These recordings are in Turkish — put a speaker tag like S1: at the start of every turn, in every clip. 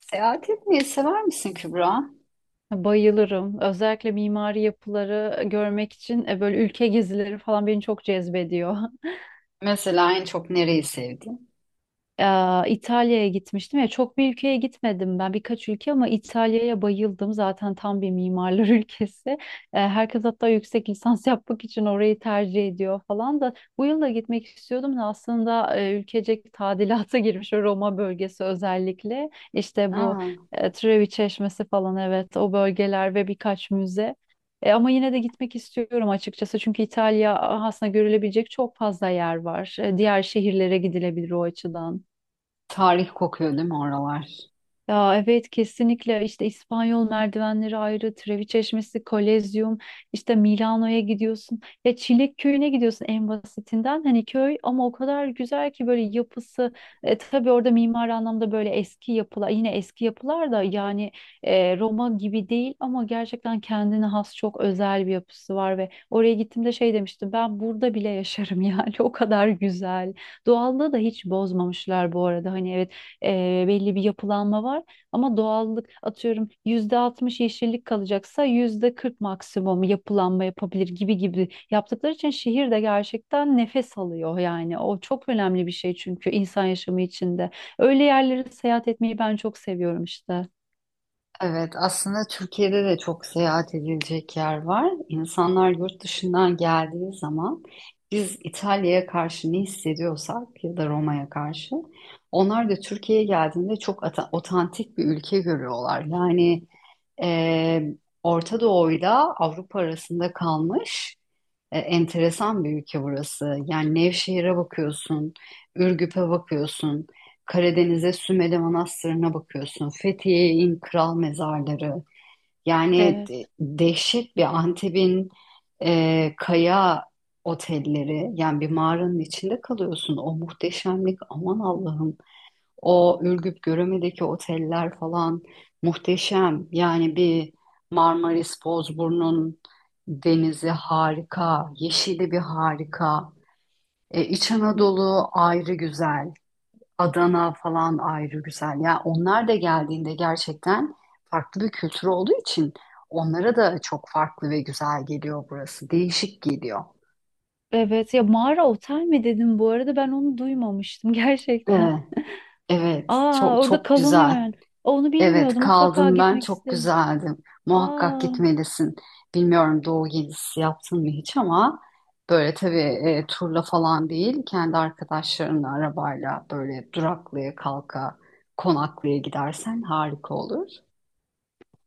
S1: Seyahat etmeyi sever misin, Kübra?
S2: Bayılırım. Özellikle mimari yapıları görmek için böyle ülke gezileri falan beni çok cezbediyor.
S1: Mesela en çok nereyi sevdin?
S2: İtalya'ya gitmiştim ya çok bir ülkeye gitmedim ben birkaç ülke ama İtalya'ya bayıldım zaten tam bir mimarlar ülkesi. Herkes hatta yüksek lisans yapmak için orayı tercih ediyor falan da bu yıl da gitmek istiyordum da aslında ülkecek tadilata girmiş o Roma bölgesi özellikle işte bu
S1: Aa,
S2: eee, Trevi Çeşmesi falan, evet, o bölgeler ve birkaç müze. Ama yine de gitmek istiyorum açıkçası çünkü İtalya aslında görülebilecek çok fazla yer var. Diğer şehirlere gidilebilir o açıdan.
S1: tarih kokuyor değil mi oralar?
S2: Ya evet kesinlikle, işte İspanyol merdivenleri ayrı, Trevi Çeşmesi, Kolezyum, işte Milano'ya gidiyorsun. Ya Çilek Köyü'ne gidiyorsun en basitinden. Hani köy ama o kadar güzel ki böyle yapısı. Tabii orada mimari anlamda böyle eski yapılar, yine eski yapılar da, yani Roma gibi değil ama gerçekten kendine has çok özel bir yapısı var ve oraya gittiğimde şey demiştim, ben burada bile yaşarım yani o kadar güzel. Doğallığı da hiç bozmamışlar bu arada. Hani evet, belli bir yapılanma var. Ama doğallık, atıyorum %60 yeşillik kalacaksa %40 maksimum yapılanma yapabilir gibi gibi yaptıkları için şehir de gerçekten nefes alıyor yani. O çok önemli bir şey çünkü insan yaşamı içinde. Öyle yerlere seyahat etmeyi ben çok seviyorum işte.
S1: Evet, aslında Türkiye'de de çok seyahat edilecek yer var. İnsanlar yurt dışından geldiği zaman biz İtalya'ya karşı ne hissediyorsak ya da Roma'ya karşı onlar da Türkiye'ye geldiğinde çok otantik bir ülke görüyorlar. Yani e, Orta Doğu'yla Avrupa arasında kalmış enteresan bir ülke burası. Yani Nevşehir'e bakıyorsun, Ürgüp'e bakıyorsun, Karadeniz'e Sümele Manastırı'na bakıyorsun, Fethiye'in kral mezarları. Yani
S2: Evet.
S1: dehşet bir Antep'in kaya otelleri. Yani bir mağaranın içinde kalıyorsun. O muhteşemlik, aman Allah'ım. O Ürgüp Göreme'deki oteller falan muhteşem. Yani bir Marmaris Bozburun'un denizi harika, yeşili bir harika. İç Anadolu ayrı güzel, Adana falan ayrı güzel. Yani onlar da geldiğinde gerçekten farklı bir kültür olduğu için onlara da çok farklı ve güzel geliyor burası. Değişik geliyor.
S2: Evet ya, mağara otel mi dedim bu arada, ben onu duymamıştım gerçekten.
S1: Evet, evet,
S2: Aa,
S1: çok
S2: orada
S1: çok
S2: kalınıyor
S1: güzel.
S2: yani. Onu
S1: Evet,
S2: bilmiyordum, mutlaka
S1: kaldım ben,
S2: gitmek
S1: çok
S2: isterim.
S1: güzeldi. Muhakkak
S2: Aa.
S1: gitmelisin. Bilmiyorum Doğu gezisi yaptın mı hiç ama böyle tabii turla falan değil, kendi arkadaşlarınla arabayla böyle duraklaya kalka konaklaya gidersen harika olur.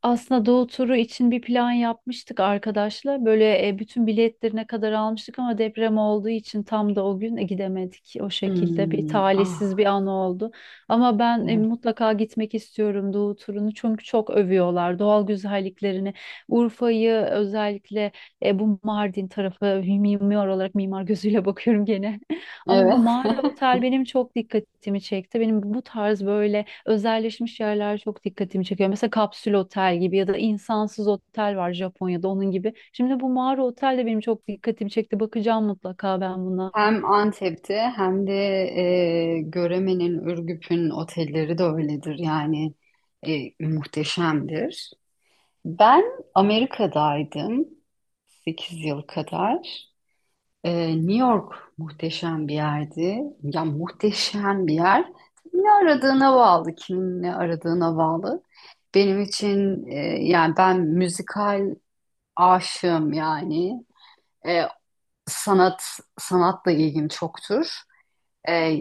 S2: Aslında Doğu turu için bir plan yapmıştık arkadaşla. Böyle bütün biletlerine kadar almıştık ama deprem olduğu için tam da o gün gidemedik. O şekilde bir
S1: Hmm,
S2: talihsiz
S1: ah,
S2: bir an oldu. Ama ben
S1: evet.
S2: mutlaka gitmek istiyorum Doğu turunu çünkü çok övüyorlar doğal güzelliklerini. Urfa'yı özellikle, bu Mardin tarafı, mimar olarak mimar gözüyle bakıyorum gene. Ama
S1: Evet.
S2: bu mağara otel benim çok dikkatimi çekti. Benim bu tarz böyle özelleşmiş yerler çok dikkatimi çekiyor. Mesela kapsül otel gibi ya da insansız otel var Japonya'da, onun gibi. Şimdi bu mağara otel de benim çok dikkatimi çekti. Bakacağım mutlaka ben buna.
S1: Hem Antep'te hem de Göreme'nin, Ürgüp'ün otelleri de öyledir. Yani muhteşemdir. Ben Amerika'daydım, 8 yıl kadar. New York muhteşem bir yerdi. Ya muhteşem bir yer. Ne aradığına bağlı, kimin ne aradığına bağlı. Benim için yani ben müzikal aşığım yani. E, sanat, sanatla ilgim çoktur. E,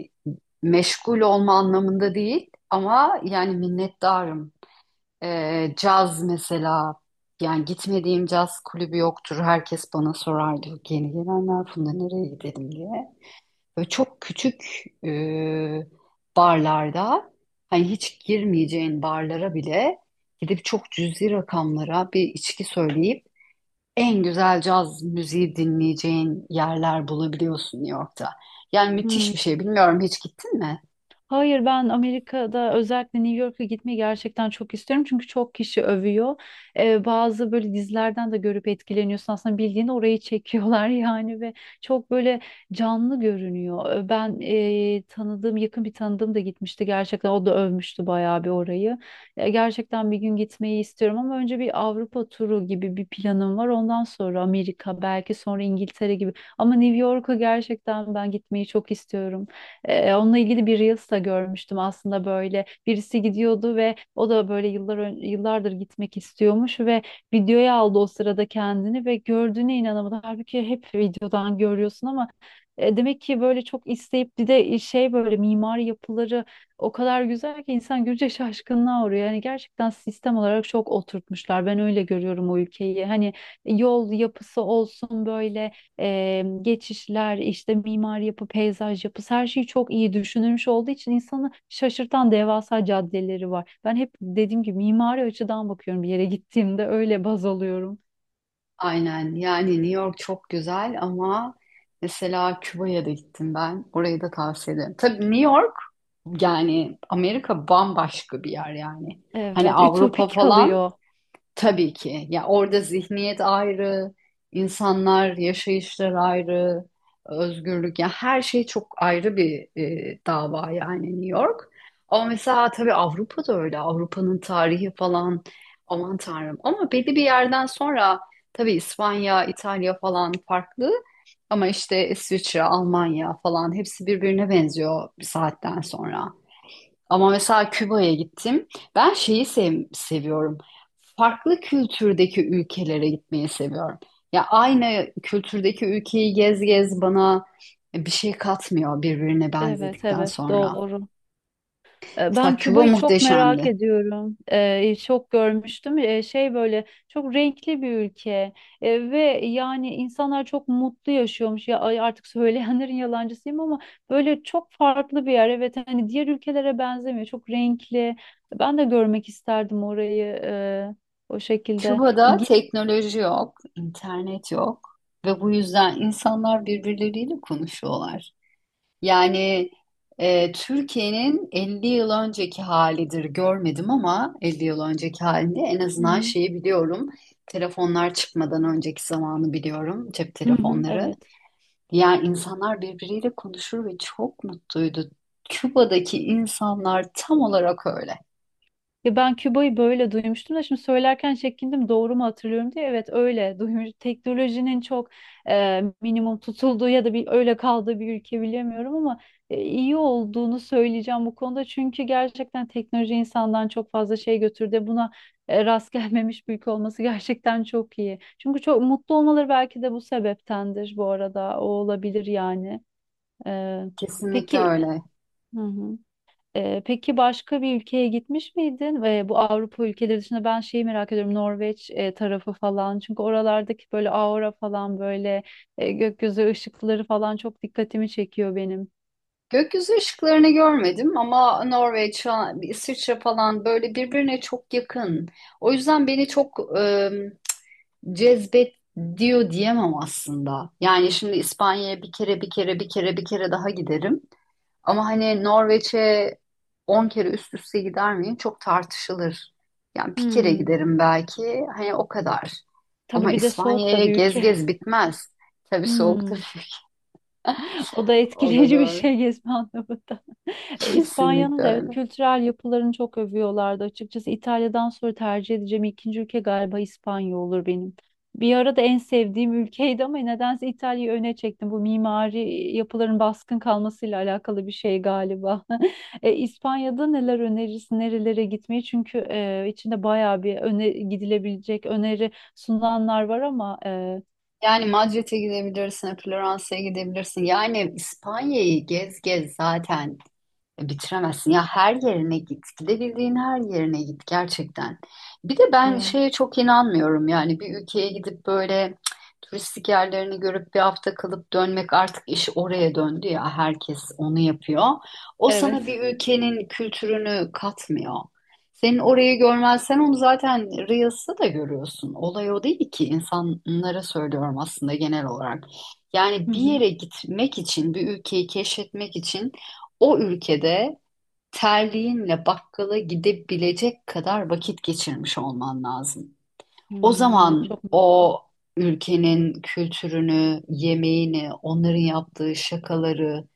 S1: meşgul olma anlamında değil ama yani minnettarım, caz mesela, yani gitmediğim caz kulübü yoktur. Herkes bana sorardı, yeni gelenler, Funda nereye gidelim diye. Böyle çok küçük e, barlarda, hani hiç girmeyeceğin barlara bile gidip çok cüzi rakamlara bir içki söyleyip en güzel caz müziği dinleyeceğin yerler bulabiliyorsun New York'ta. Yani
S2: Hmm.
S1: müthiş bir şey. Bilmiyorum, hiç gittin mi?
S2: Hayır, ben Amerika'da özellikle New York'a gitmeyi gerçekten çok istiyorum. Çünkü çok kişi övüyor. Bazı böyle dizilerden de görüp etkileniyorsun. Aslında bildiğin orayı çekiyorlar yani ve çok böyle canlı görünüyor. Ben tanıdığım, yakın bir tanıdığım da gitmişti gerçekten. O da övmüştü bayağı bir orayı. Ya gerçekten bir gün gitmeyi istiyorum ama önce bir Avrupa turu gibi bir planım var. Ondan sonra Amerika, belki sonra İngiltere gibi. Ama New York'a gerçekten ben gitmeyi çok istiyorum. Onunla ilgili bir Reels da görmüştüm aslında böyle. Birisi gidiyordu ve o da böyle yıllardır gitmek istiyormuş ve videoya aldı o sırada kendini ve gördüğüne inanamadı. Halbuki hep videodan görüyorsun ama demek ki böyle çok isteyip bir de şey, böyle mimari yapıları o kadar güzel ki insan görünce şaşkınlığa uğruyor. Yani gerçekten sistem olarak çok oturtmuşlar. Ben öyle görüyorum o ülkeyi. Hani yol yapısı olsun, böyle geçişler, işte mimari yapı, peyzaj yapısı, her şeyi çok iyi düşünülmüş olduğu için insanı şaşırtan devasa caddeleri var. Ben hep dediğim gibi mimari açıdan bakıyorum bir yere gittiğimde, öyle baz alıyorum.
S1: Aynen, yani New York çok güzel ama mesela Küba'ya da gittim ben. Orayı da tavsiye ederim. Tabii New York, yani Amerika bambaşka bir yer yani. Hani
S2: Evet,
S1: Avrupa
S2: ütopik
S1: falan,
S2: kalıyor.
S1: tabii ki. Ya orada zihniyet ayrı, insanlar, yaşayışlar ayrı, özgürlük, ya her şey çok ayrı bir dava, yani New York. Ama mesela tabii Avrupa da öyle. Avrupa'nın tarihi falan, aman tanrım. Ama belli bir yerden sonra tabii İspanya, İtalya falan farklı. Ama işte İsviçre, Almanya falan hepsi birbirine benziyor bir saatten sonra. Ama mesela Küba'ya gittim. Ben şeyi seviyorum. Farklı kültürdeki ülkelere gitmeyi seviyorum. Ya aynı kültürdeki ülkeyi gez gez bana bir şey katmıyor birbirine
S2: Evet,
S1: benzedikten
S2: evet,
S1: sonra.
S2: doğru. Ben
S1: Mesela Küba
S2: Küba'yı çok merak
S1: muhteşemdi.
S2: ediyorum. E, çok görmüştüm. E, şey, böyle çok renkli bir ülke. Ve yani insanlar çok mutlu yaşıyormuş. Ya ay, artık söyleyenlerin yalancısıyım ama böyle çok farklı bir yer. Evet, hani diğer ülkelere benzemiyor. Çok renkli. Ben de görmek isterdim orayı, o şekilde.
S1: Küba'da
S2: Gi-
S1: teknoloji yok, internet yok ve bu yüzden insanlar birbirleriyle konuşuyorlar. Yani Türkiye'nin 50 yıl önceki halidir, görmedim ama 50 yıl önceki halinde en
S2: Hı
S1: azından
S2: hı.
S1: şeyi biliyorum. Telefonlar çıkmadan önceki zamanı biliyorum, cep
S2: Hı hı,
S1: telefonları.
S2: evet.
S1: Yani insanlar birbiriyle konuşur ve çok mutluydu. Küba'daki insanlar tam olarak öyle.
S2: Ya ben Küba'yı böyle duymuştum da şimdi söylerken çekindim doğru mu hatırlıyorum diye. Evet, öyle duymuş. Teknolojinin çok minimum tutulduğu ya da bir öyle kaldığı bir ülke, bilemiyorum, ama iyi olduğunu söyleyeceğim bu konuda. Çünkü gerçekten teknoloji insandan çok fazla şey götürdü. Buna rast gelmemiş bir ülke olması gerçekten çok iyi. Çünkü çok mutlu olmaları belki de bu sebeptendir bu arada. O olabilir yani. E,
S1: Kesinlikle
S2: peki.
S1: öyle.
S2: Hı hı. Peki başka bir ülkeye gitmiş miydin? Bu Avrupa ülkeleri dışında ben şeyi merak ediyorum, Norveç tarafı falan. Çünkü oralardaki böyle aura falan, böyle gökyüzü ışıkları falan çok dikkatimi çekiyor benim.
S1: Gökyüzü ışıklarını görmedim ama Norveç, İsviçre falan böyle birbirine çok yakın. O yüzden beni çok e, cezbet diyor diyemem aslında. Yani şimdi İspanya'ya bir kere bir kere bir kere bir kere daha giderim. Ama hani Norveç'e 10 kere üst üste gider miyim? Çok tartışılır. Yani bir kere
S2: Hmm.
S1: giderim belki. Hani o kadar.
S2: Tabii
S1: Ama
S2: bir de soğuk da
S1: İspanya'ya
S2: bir
S1: gez
S2: ülke.
S1: gez bitmez. Tabii soğuktur
S2: Hmm.
S1: tabii.
S2: O da
S1: O da
S2: etkileyici bir
S1: doğru.
S2: şey gezme anlamında. İspanya'nın
S1: Kesinlikle
S2: da evet
S1: öyle.
S2: kültürel yapılarını çok övüyorlardı. Açıkçası İtalya'dan sonra tercih edeceğim ikinci ülke galiba İspanya olur benim. Bir ara da en sevdiğim ülkeydi ama nedense İtalya'yı öne çektim. Bu mimari yapıların baskın kalmasıyla alakalı bir şey galiba. İspanya'da neler önerirsin, nerelere gitmeyi? Çünkü içinde bayağı bir öne gidilebilecek öneri sunulanlar var ama
S1: Yani Madrid'e gidebilirsin, Floransa'ya gidebilirsin. Yani İspanya'yı gez gez zaten bitiremezsin ya, her yerine git, gidebildiğin her yerine git gerçekten. Bir de ben
S2: ya,
S1: şeye çok inanmıyorum, yani bir ülkeye gidip böyle, cık, turistik yerlerini görüp bir hafta kalıp dönmek, artık iş oraya döndü ya, herkes onu yapıyor. O
S2: evet.
S1: sana bir ülkenin kültürünü katmıyor. Senin orayı görmezsen onu zaten Reels'ta da görüyorsun. Olay o değil ki, insanlara söylüyorum aslında genel olarak.
S2: Hı
S1: Yani bir
S2: hı.
S1: yere gitmek için, bir ülkeyi keşfetmek için o ülkede terliğinle bakkala gidebilecek kadar vakit geçirmiş olman lazım. O
S2: Hmm, evet,
S1: zaman
S2: çok mantıklı.
S1: o ülkenin kültürünü, yemeğini, onların yaptığı şakaları,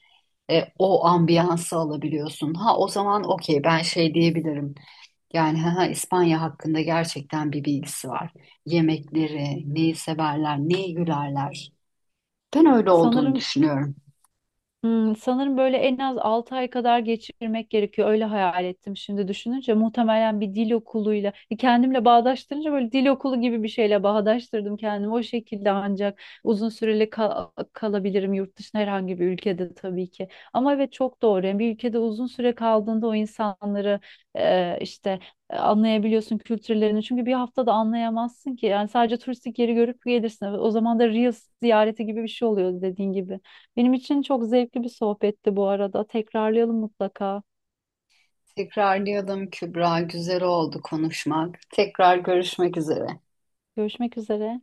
S1: o ambiyansı alabiliyorsun. Ha, o zaman okey, ben şey diyebilirim. Yani ha, ha, İspanya hakkında gerçekten bir bilgisi var. Yemekleri, neyi severler, neyi gülerler. Ben öyle olduğunu
S2: Sanırım,
S1: düşünüyorum.
S2: hmm, sanırım böyle en az 6 ay kadar geçirmek gerekiyor. Öyle hayal ettim şimdi düşününce. Muhtemelen bir dil okuluyla kendimle bağdaştırınca, böyle dil okulu gibi bir şeyle bağdaştırdım kendimi. O şekilde ancak uzun süreli kalabilirim yurt dışında herhangi bir ülkede, tabii ki. Ama evet, çok doğru. Yani bir ülkede uzun süre kaldığında o insanları e, işte anlayabiliyorsun, kültürlerini. Çünkü bir haftada anlayamazsın ki. Yani sadece turistik yeri görüp gelirsin. O zaman da Reels ziyareti gibi bir şey oluyor dediğin gibi. Benim için çok zevkli bir sohbetti bu arada. Tekrarlayalım mutlaka.
S1: Tekrarlayalım, Kübra. Güzel oldu konuşmak. Tekrar görüşmek üzere.
S2: Görüşmek üzere.